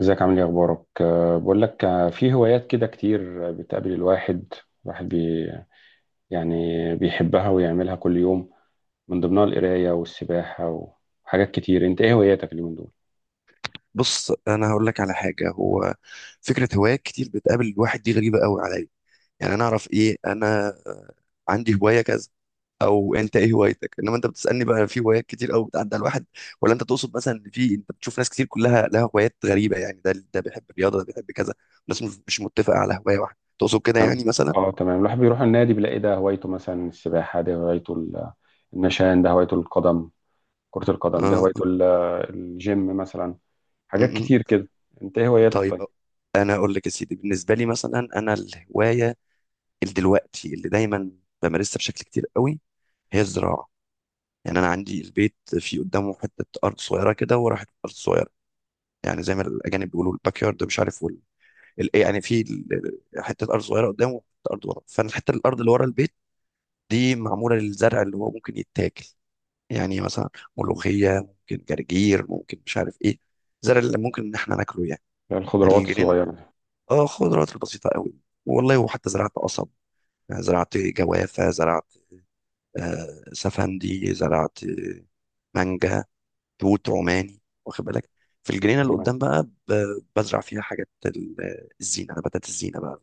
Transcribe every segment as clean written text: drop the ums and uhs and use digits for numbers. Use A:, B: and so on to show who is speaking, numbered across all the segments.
A: ازيك عامل ايه اخبارك؟ بقول لك، في هوايات كده كتير بتقابل الواحد الواحد بي يعني بيحبها ويعملها كل يوم، من ضمنها القرايه والسباحه وحاجات كتير. انت ايه هواياتك اليومين دول؟
B: بص انا هقول لك على حاجه. هو فكره هوايات كتير بتقابل الواحد دي غريبه قوي عليا، يعني انا اعرف ايه؟ انا عندي هوايه كذا، او انت ايه هوايتك؟ انما انت بتسالني بقى في هوايات كتير قوي بتعدي على الواحد، ولا انت تقصد مثلا ان في انت بتشوف ناس كتير كلها لها هوايات غريبه، يعني ده بيحب الرياضه، ده بيحب كذا، الناس مش متفقه على هوايه واحده، تقصد كده
A: تمام.
B: يعني مثلا؟
A: اه تمام، الواحد بيروح النادي بيلاقي ده هوايته مثلا السباحه، ده هوايته النشان، ده هوايته القدم، كره القدم، ده
B: اه
A: هوايته الجيم مثلا،
B: م
A: حاجات كتير
B: -م.
A: كده. انت ايه هواياتك
B: طيب
A: طيب؟
B: انا اقول لك يا سيدي، بالنسبه لي مثلا انا الهوايه اللي دلوقتي اللي دايما بمارسها بشكل كتير قوي هي الزراعه. يعني انا عندي البيت في قدامه حته ارض صغيره كده، وراحت ارض صغيره، يعني زي ما الاجانب بيقولوا الباك يارد، مش عارف وال... ال... إيه يعني في حته ارض صغيره قدامه وحته ارض ورا. فانا الحته الارض اللي ورا البيت دي معموله للزرع اللي هو ممكن يتاكل، يعني مثلا
A: تمام.
B: ملوخيه ممكن، جرجير ممكن، مش عارف ايه، الزرع اللي ممكن ان احنا ناكله يعني.
A: الخضروات
B: الجنين اللي قد-
A: الصغيره.
B: اه خضروات البسيطه قوي، والله وحتى زرعت قصب، زرعت جوافه، زرعت سفندي، زرعت مانجا، توت، روماني، واخد بالك. في الجنينه اللي
A: تمام.
B: قدام بقى بزرع فيها حاجات الزينه، نباتات الزينه بقى،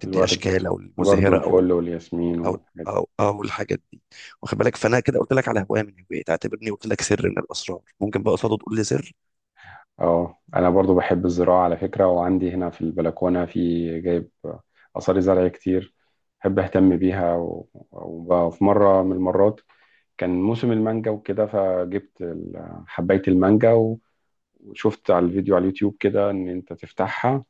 B: تدي
A: الورد.
B: اشكال او
A: الورد
B: المزهره او ال-
A: والفل والياسمين
B: او
A: والحاجات.
B: او او الحاجات دي، واخد بالك. فانا كده قلت لك على هوايه من هواياتي، اعتبرني قلت لك سر من الاسرار، ممكن بقى قصاده تقول لي سر.
A: اه، انا برضو بحب الزراعة على فكرة، وعندي هنا في البلكونة في جايب آثار زرع كتير، بحب اهتم بيها وفي مرة من المرات كان موسم المانجا وكده، فجبت حباية المانجا وشفت على الفيديو على اليوتيوب كده ان انت تفتحها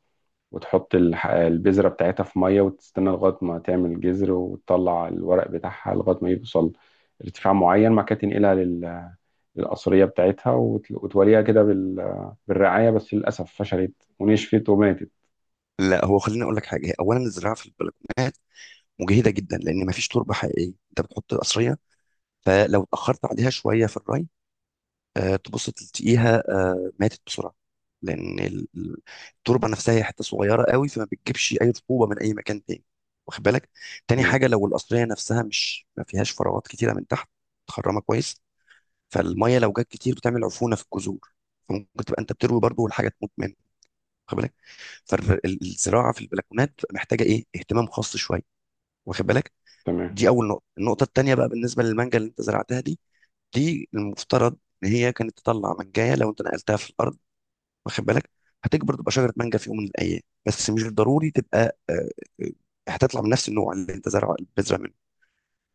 A: وتحط البذرة بتاعتها في مية، وتستنى لغاية ما تعمل جذر وتطلع الورق بتاعها لغاية ما يوصل ارتفاع معين، ما كانت تنقلها الأثرية بتاعتها وتوليها كده بالرعاية. بس للأسف فشلت ونشفت وماتت.
B: لا هو خليني اقول لك حاجه، هي اولا الزراعه في البلكونات مجهده جدا، لان ما فيش تربه حقيقيه، انت بتحط قصريه، فلو اتاخرت عليها شويه في الري، تبص تلاقيها ماتت بسرعه، لان التربه نفسها هي حته صغيره قوي، فما بتجيبش اي رطوبه من اي مكان تاني، واخد بالك. تاني
A: تمام،
B: حاجه، لو القصريه نفسها مش ما فيهاش فراغات كتيره من تحت، متخرمه كويس، فالميه لو جت كتير بتعمل عفونه في الجذور، فممكن تبقى انت بتروي برضه والحاجه تموت منك، واخد بالك. فالزراعه في البلكونات بتبقى محتاجه ايه؟ اهتمام خاص شويه، واخد بالك.
A: تمام.
B: دي اول نقطه. النقطه التانيه بقى بالنسبه للمانجا اللي انت زرعتها دي، دي المفترض ان هي كانت تطلع منجايه لو انت نقلتها في الارض، واخد بالك، هتكبر تبقى شجره مانجا في يوم من الايام. بس مش ضروري تبقى آه، هتطلع من نفس النوع اللي انت بتزرع منه،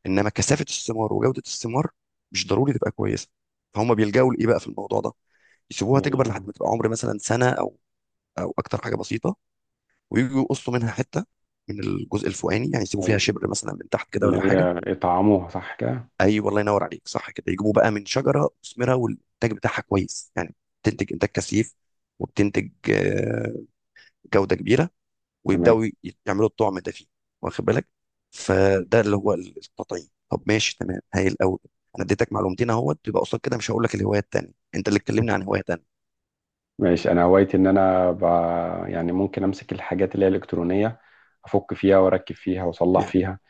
B: انما كثافه الثمار وجوده الثمار مش ضروري تبقى كويسه. فهم بيلجأوا لايه بقى في الموضوع ده؟ يسيبوها
A: اللي
B: تكبر لحد ما تبقى عمر مثلا سنه او او اكتر، حاجه بسيطه، ويجوا يقصوا منها حته من الجزء الفوقاني، يعني يسيبوا فيها
A: هي
B: شبر مثلا من تحت كده
A: اللي
B: ولا حاجه.
A: هي يطعموها صح كده.
B: اي والله، ينور عليك، صح كده، يجيبوا بقى من شجره مثمره والانتاج بتاعها كويس يعني، بتنتج انتاج كثيف وبتنتج جوده كبيره،
A: تمام.
B: ويبداوا يعملوا الطعم ده فيه، واخد بالك. فده اللي هو التطعيم. طب ماشي تمام هايل قوي. انا اديتك معلومتين اهوت، يبقى قصاد كده مش هقول لك الهوايه التانيه، انت اللي تكلمني عن هوايه تانيه.
A: ماشي، أنا هوايتي إن أنا يعني ممكن أمسك الحاجات اللي هي الإلكترونية، أفك فيها وأركب فيها وأصلح
B: yeah.
A: فيها.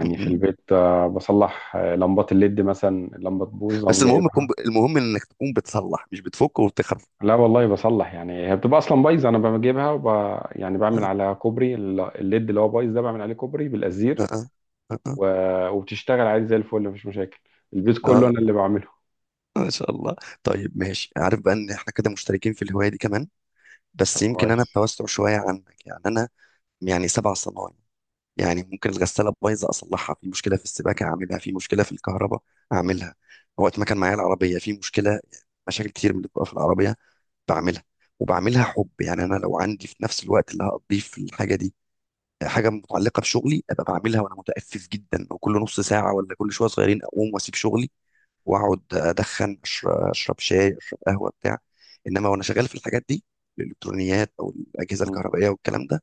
B: م-
A: في
B: م.
A: البيت بصلح لمبات الليد مثلا، اللمبة تبوظ
B: بس
A: أقوم
B: المهم تكون
A: جايبها.
B: المهم انك تكون بتصلح، مش بتفك وبتخرف.
A: لا والله بصلح، يعني هي بتبقى اصلا بايظه، انا بجيبها يعني بعمل
B: اه
A: على كوبري الليد اللي هو بايظ ده، بعمل عليه كوبري
B: اه،
A: بالازير
B: اه اه،
A: و... وبتشتغل عادي زي الفل، مفيش مشاكل، البيت كله انا اللي بعمله.
B: ان شاء الله. طيب ماشي، عارف بقى ان احنا كده مشتركين في الهوايه دي كمان،
A: طب
B: بس يمكن انا
A: كويس.
B: بتوسع شويه عنك، يعني انا يعني سبع صنايع. يعني ممكن الغساله بايظه اصلحها، في مشكله في السباكه اعملها، في مشكله في الكهرباء اعملها، وقت ما كان معايا العربيه في مشكله، مشاكل كتير من اللي بتبقى في العربيه بعملها. وبعملها حب، يعني انا لو عندي في نفس الوقت اللي هقضيه في الحاجه دي حاجه متعلقه بشغلي، ابقى بعملها وانا متأفف جدا، وكل نص ساعه ولا كل شويه صغيرين اقوم واسيب شغلي واقعد ادخن، أشرب شاي، اشرب قهوه، بتاع. انما وانا شغال في الحاجات دي الالكترونيات او الاجهزه
A: مم.
B: الكهربائيه والكلام ده،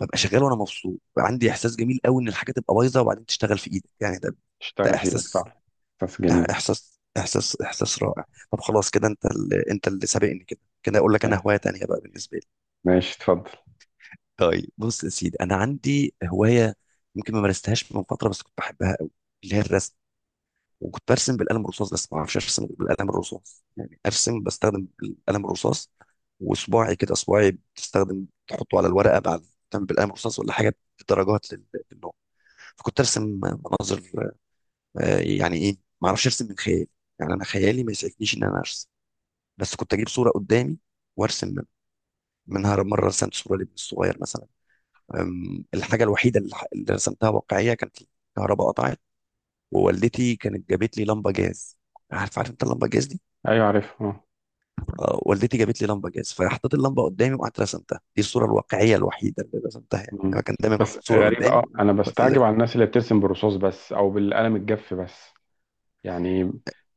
B: ببقى شغال وانا مبسوط بقى، عندي احساس جميل قوي ان الحاجه تبقى بايظه وبعدين تشتغل في ايدك، يعني ده
A: تشتغل فيه لك
B: احساس،
A: صح. بس جميل.
B: احساس رائع. طب خلاص كده، انت اللي سابقني كده، كده اقول لك انا
A: أيوة.
B: هوايه تانية بقى بالنسبه لي.
A: ماشي، اتفضل.
B: طيب بص يا سيدي، انا عندي هوايه يمكن ما مارستهاش من فتره بس كنت بحبها قوي، اللي هي الرسم. وكنت برسم بالقلم الرصاص، بس ما اعرفش ارسم بالقلم الرصاص، يعني ارسم بستخدم القلم الرصاص، وصباعي كده صباعي بتستخدم تحطه على الورقه بعد تعمل بالقلم الرصاص ولا حاجه، بدرجات للنوع. فكنت ارسم مناظر، يعني ايه، ما اعرفش ارسم من خيالي، يعني انا خيالي ما يسعفنيش ان انا ارسم، بس كنت اجيب صوره قدامي وارسم منها. مره رسمت صوره لابن الصغير مثلا، الحاجه الوحيده اللي رسمتها واقعيه كانت الكهرباء قطعت، ووالدتي كانت جابت لي لمبه جاز. عارف، عارف انت اللمبه جاز دي؟
A: ايوه عارف اه.
B: والدتي جابت لي لمبه جاز، فحطيت اللمبه قدامي وقعدت رسمتها، دي الصوره الواقعيه الوحيده اللي رسمتها، يعني
A: مم.
B: انا كان دايما احط
A: بس
B: صوره
A: غريبة،
B: قدامي
A: اه انا
B: وارسم
A: بستعجب
B: زيها.
A: على الناس اللي بترسم بالرصاص بس او بالقلم الجاف بس، يعني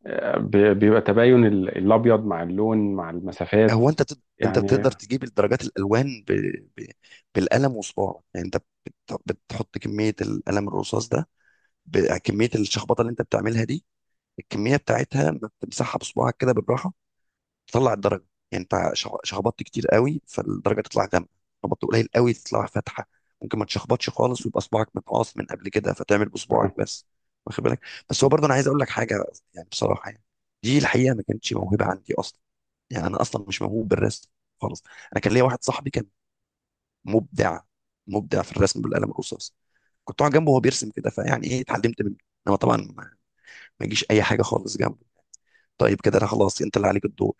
A: بيبقى تباين الابيض مع اللون مع المسافات.
B: هو انت
A: يعني
B: بتقدر تجيب الدرجات الالوان ب... بالقلم وصباعك؟ يعني انت بتحط كميه القلم الرصاص ده بكميه الشخبطه اللي انت بتعملها دي، الكميه بتاعتها ما بتمسحها بصباعك كده بالراحه، تطلع الدرجه. يعني انت شخبطت كتير قوي، فالدرجه تطلع غامقه. شخبطت قليل قوي، تطلع فاتحه. ممكن ما تشخبطش خالص ويبقى صباعك متقاص من قبل كده، فتعمل بصباعك
A: اه
B: بس، واخد بالك. بس هو برضه انا عايز اقول لك حاجه، يعني بصراحه يعني، دي الحقيقه، ما كانتش موهبه عندي اصلا، يعني انا اصلا مش موهوب بالرسم خالص. انا كان ليا واحد صاحبي كان مبدع مبدع في الرسم بالقلم الرصاص، كنت اقعد جنبه وهو بيرسم كده، فيعني ايه اتعلمت منه، انما طبعا ما يجيش اي حاجه خالص جنبه. طيب كده انا خلاص، انت اللي عليك الدور.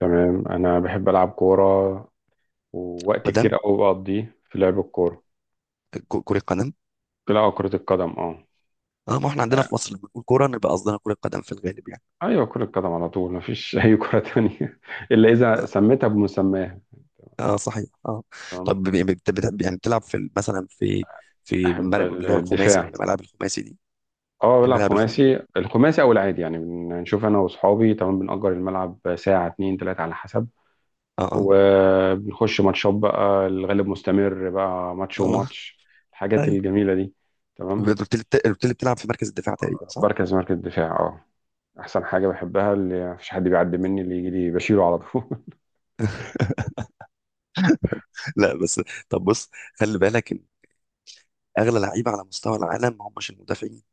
A: تمام. انا بحب العب كورة، ووقت كتير
B: قدم،
A: قوي بقضيه في لعب الكورة.
B: كره قدم.
A: لا، كرة القدم اه.
B: اه، ما احنا عندنا في مصر لما بنقول كوره نبقى قصدنا كره قدم في الغالب يعني.
A: ايوه كرة قدم على طول، مفيش اي كرة تانية الا اذا
B: اه,
A: سميتها بمسماها.
B: آه صحيح اه.
A: تمام.
B: طب يعني بتلعب في مثلا في
A: احب
B: اللي هو الخماسي،
A: الدفاع.
B: الملاعب الخماسي دي؟
A: اه بلعب
B: الملاعب الخماسي.
A: خماسي، الخماسي او العادي يعني، بنشوف انا واصحابي، تمام، بنأجر الملعب ساعة اتنين تلاتة على حسب،
B: اه اه،
A: وبنخش ماتشات بقى، الغالب مستمر بقى ماتش
B: اه،
A: وماتش، الحاجات
B: ايوه.
A: الجميلة دي. تمام.
B: بتلعب في مركز الدفاع تقريبا، صح؟
A: بركز مركز الدفاع اه، احسن حاجة بحبها اللي مفيش حد بيعدي مني، اللي يجي لي بشيله على طول.
B: لا بس، طب بص، خلي بالك إن اغلى لعيبه على مستوى العالم ما همش المدافعين،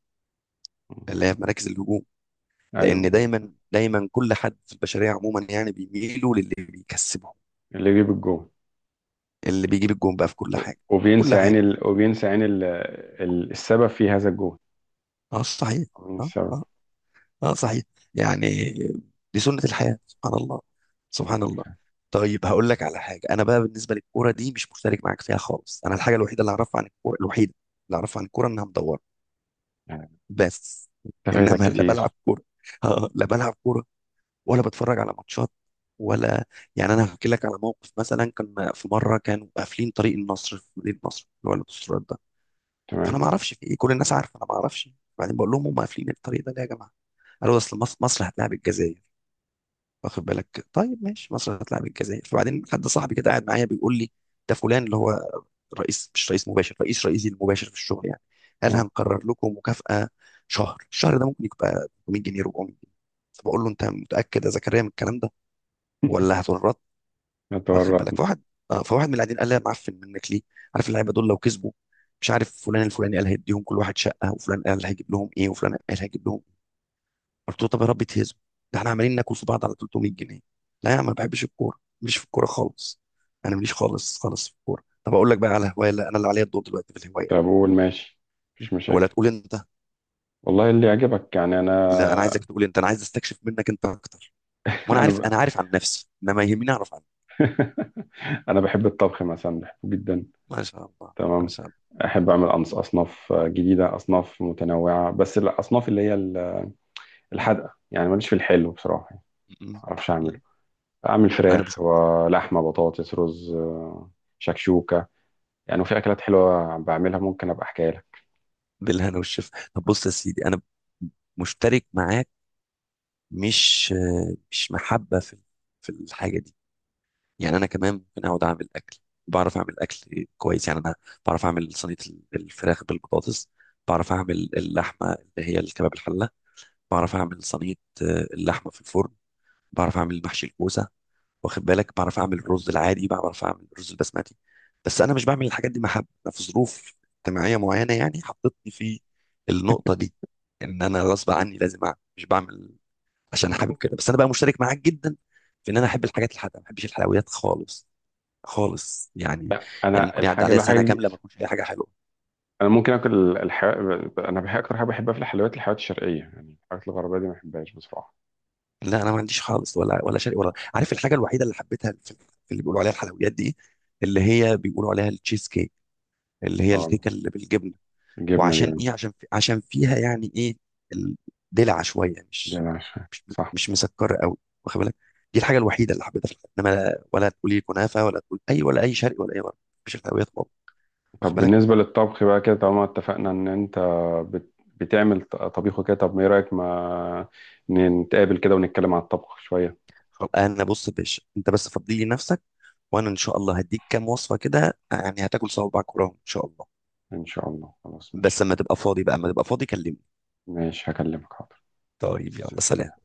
B: اللي هي في مراكز الهجوم،
A: ايوه،
B: لان دايما دايما كل حد في البشريه عموما يعني بيميلوا للي بيكسبهم،
A: اللي يجيب الجول.
B: اللي بيجيب الجون بقى في كل حاجه، كل
A: وبينسى
B: حاجه.
A: يعني ال... وبينسى يعني ال... ال- السبب في هذا الجهد.
B: اه صحيح،
A: مين
B: اه
A: السبب؟
B: اه، اه صحيح، يعني دي سنه الحياه، سبحان الله، سبحان الله. طيب هقول لك على حاجه، انا بقى بالنسبه للكوره دي مش مشترك معاك فيها خالص، انا الحاجه الوحيده اللي اعرفها عن الكوره، الوحيده اللي اعرفها عن الكوره انها مدوره
A: يعني
B: بس.
A: أنت فايتك
B: انما لا بلعب
A: كتير.
B: كوره لا بلعب كوره، ولا بتفرج على ماتشات، ولا، يعني انا هحكي لك على موقف، مثلا كان في مره كانوا قافلين طريق النصر في مدينه نصر، اللي هو البوسترات ده، فانا
A: تمام.
B: ما اعرفش في ايه، كل الناس عارفه انا ما اعرفش. بعدين بقول لهم، هم قافلين الطريق ده ليه يا جماعه؟ قالوا اصل مصر هتلاعب الجزائر، واخد بالك. طيب ماشي، مصر هتلاعب الجزائر، فبعدين حد صاحبي كده قاعد معايا بيقول لي، ده فلان اللي هو رئيس مش رئيس مباشر، رئيسي المباشر في الشغل يعني، قال
A: آه،
B: هنقرر لكم مكافأة شهر، الشهر ده ممكن يبقى 300 جنيه، 400 جنيه. فبقول له، انت متأكد يا زكريا من الكلام ده ولا هتورط؟
A: أنا
B: واخد بالك.
A: تورطنا.
B: فواحد، اه فواحد من اللي قاعدين قال لي، يا معفن، منك ليه؟ عارف اللعيبه دول لو كسبوا، مش عارف فلان الفلاني قال هيديهم كل واحد شقه، وفلان قال هيجيب لهم ايه، وفلان قال هيجيب لهم إيه. قلت له، طب يا رب تهزم، ده احنا عمالين ناكل في بعض على 300 جنيه. لا يا عم، ما بحبش الكوره، مش في الكوره خالص، انا ماليش خالص خالص في الكوره. طب اقول لك بقى على هوايه؟ لا، انا اللي عليا الدور دلوقتي في الهوايه،
A: طب قول، ماشي، مفيش
B: ولا
A: مشاكل.
B: تقول انت؟
A: والله اللي يعجبك، يعني انا
B: لا انا عايزك تقول انت، انا عايز استكشف منك انت اكتر، وانا
A: انا
B: عارف،
A: ب...
B: انا عارف عن نفسي، انما يهمني اعرف عنك.
A: انا بحب الطبخ مثلا، بحبه جدا.
B: ما شاء الله، ما
A: تمام.
B: شاء الله.
A: احب اعمل اصناف جديده، اصناف متنوعه، بس الاصناف اللي هي الحادقه، يعني ماليش في الحلو بصراحه، يعني
B: م- م-
A: ما اعرفش اعمله.
B: م.
A: اعمل
B: انا
A: فراخ ولحمه بطاطس رز، شكشوكه، يعني. وفي اكلات حلوه بعملها، ممكن ابقى احكيها لك.
B: بالهنا والشفا. طب بص يا سيدي، انا مشترك معاك، مش مش محبه في في الحاجه دي، يعني انا كمان ممكن اقعد اعمل اكل، بعرف اعمل اكل كويس، يعني انا بعرف اعمل صينيه الفراخ بالبطاطس، بعرف اعمل اللحمه اللي هي الكباب، الحله، بعرف اعمل صينيه اللحمه في الفرن، بعرف اعمل محشي الكوسه، واخد بالك، بعرف اعمل الرز العادي، بعرف اعمل الرز البسمتي. بس انا مش بعمل الحاجات دي محبه، انا في ظروف اجتماعيه معينه يعني حطتني في النقطه دي، ان انا غصب عني لازم اعمل، مش بعمل عشان حابب كده. بس انا بقى مشترك معاك جدا في ان انا احب الحاجات الحادقه، ما بحبش الحلويات خالص خالص يعني، يعني
A: انا
B: ممكن يعدي
A: الحاجه
B: عليا سنه
A: الوحيده،
B: كامله ما اكلش اي حاجه حلوه،
A: انا ممكن اكل انا بحب اكتر حاجه بحبها في الحلويات، الحلويات الشرقيه، يعني الحاجات الغربيه دي ما بحبهاش بصراحه.
B: لا انا ما عنديش خالص، ولا شيء ولا عارف. الحاجه الوحيده اللي حبيتها في في اللي بيقولوا عليها الحلويات دي، اللي هي بيقولوا عليها التشيز كيك، اللي هي
A: اه،
B: الكيكه اللي بالجبنه.
A: الجبنه
B: وعشان
A: دي،
B: ايه؟ عشان في عشان فيها يعني ايه، الدلع شويه،
A: دي انا عارفها.
B: مش
A: صح.
B: مش مسكره قوي، واخد بالك، دي الحاجه الوحيده اللي حبيتها في الحلويات. انما ولا تقولي كنافه، ولا تقول اي ولا اي شرقي ولا اي غربي، مفيش الحلويات خالص، واخد
A: طب
B: بالك.
A: بالنسبه للطبخ بقى كده، طالما اتفقنا ان انت بتعمل طبيخ وكده، طب ما ايه رايك ما نتقابل كده ونتكلم عن الطبخ شويه.
B: خلاص، انا بص يا باشا، انت بس فضي لي نفسك، وانا ان شاء الله هديك كام وصفه كده، يعني هتاكل صوابعك وراهم ان شاء الله.
A: ان شاء الله، خلاص
B: بس
A: ماشي.
B: لما تبقى فاضي بقى، لما تبقى فاضي كلمني.
A: ماشي، هكلمك حاضر.
B: طيب يلا سلام.
A: سلام.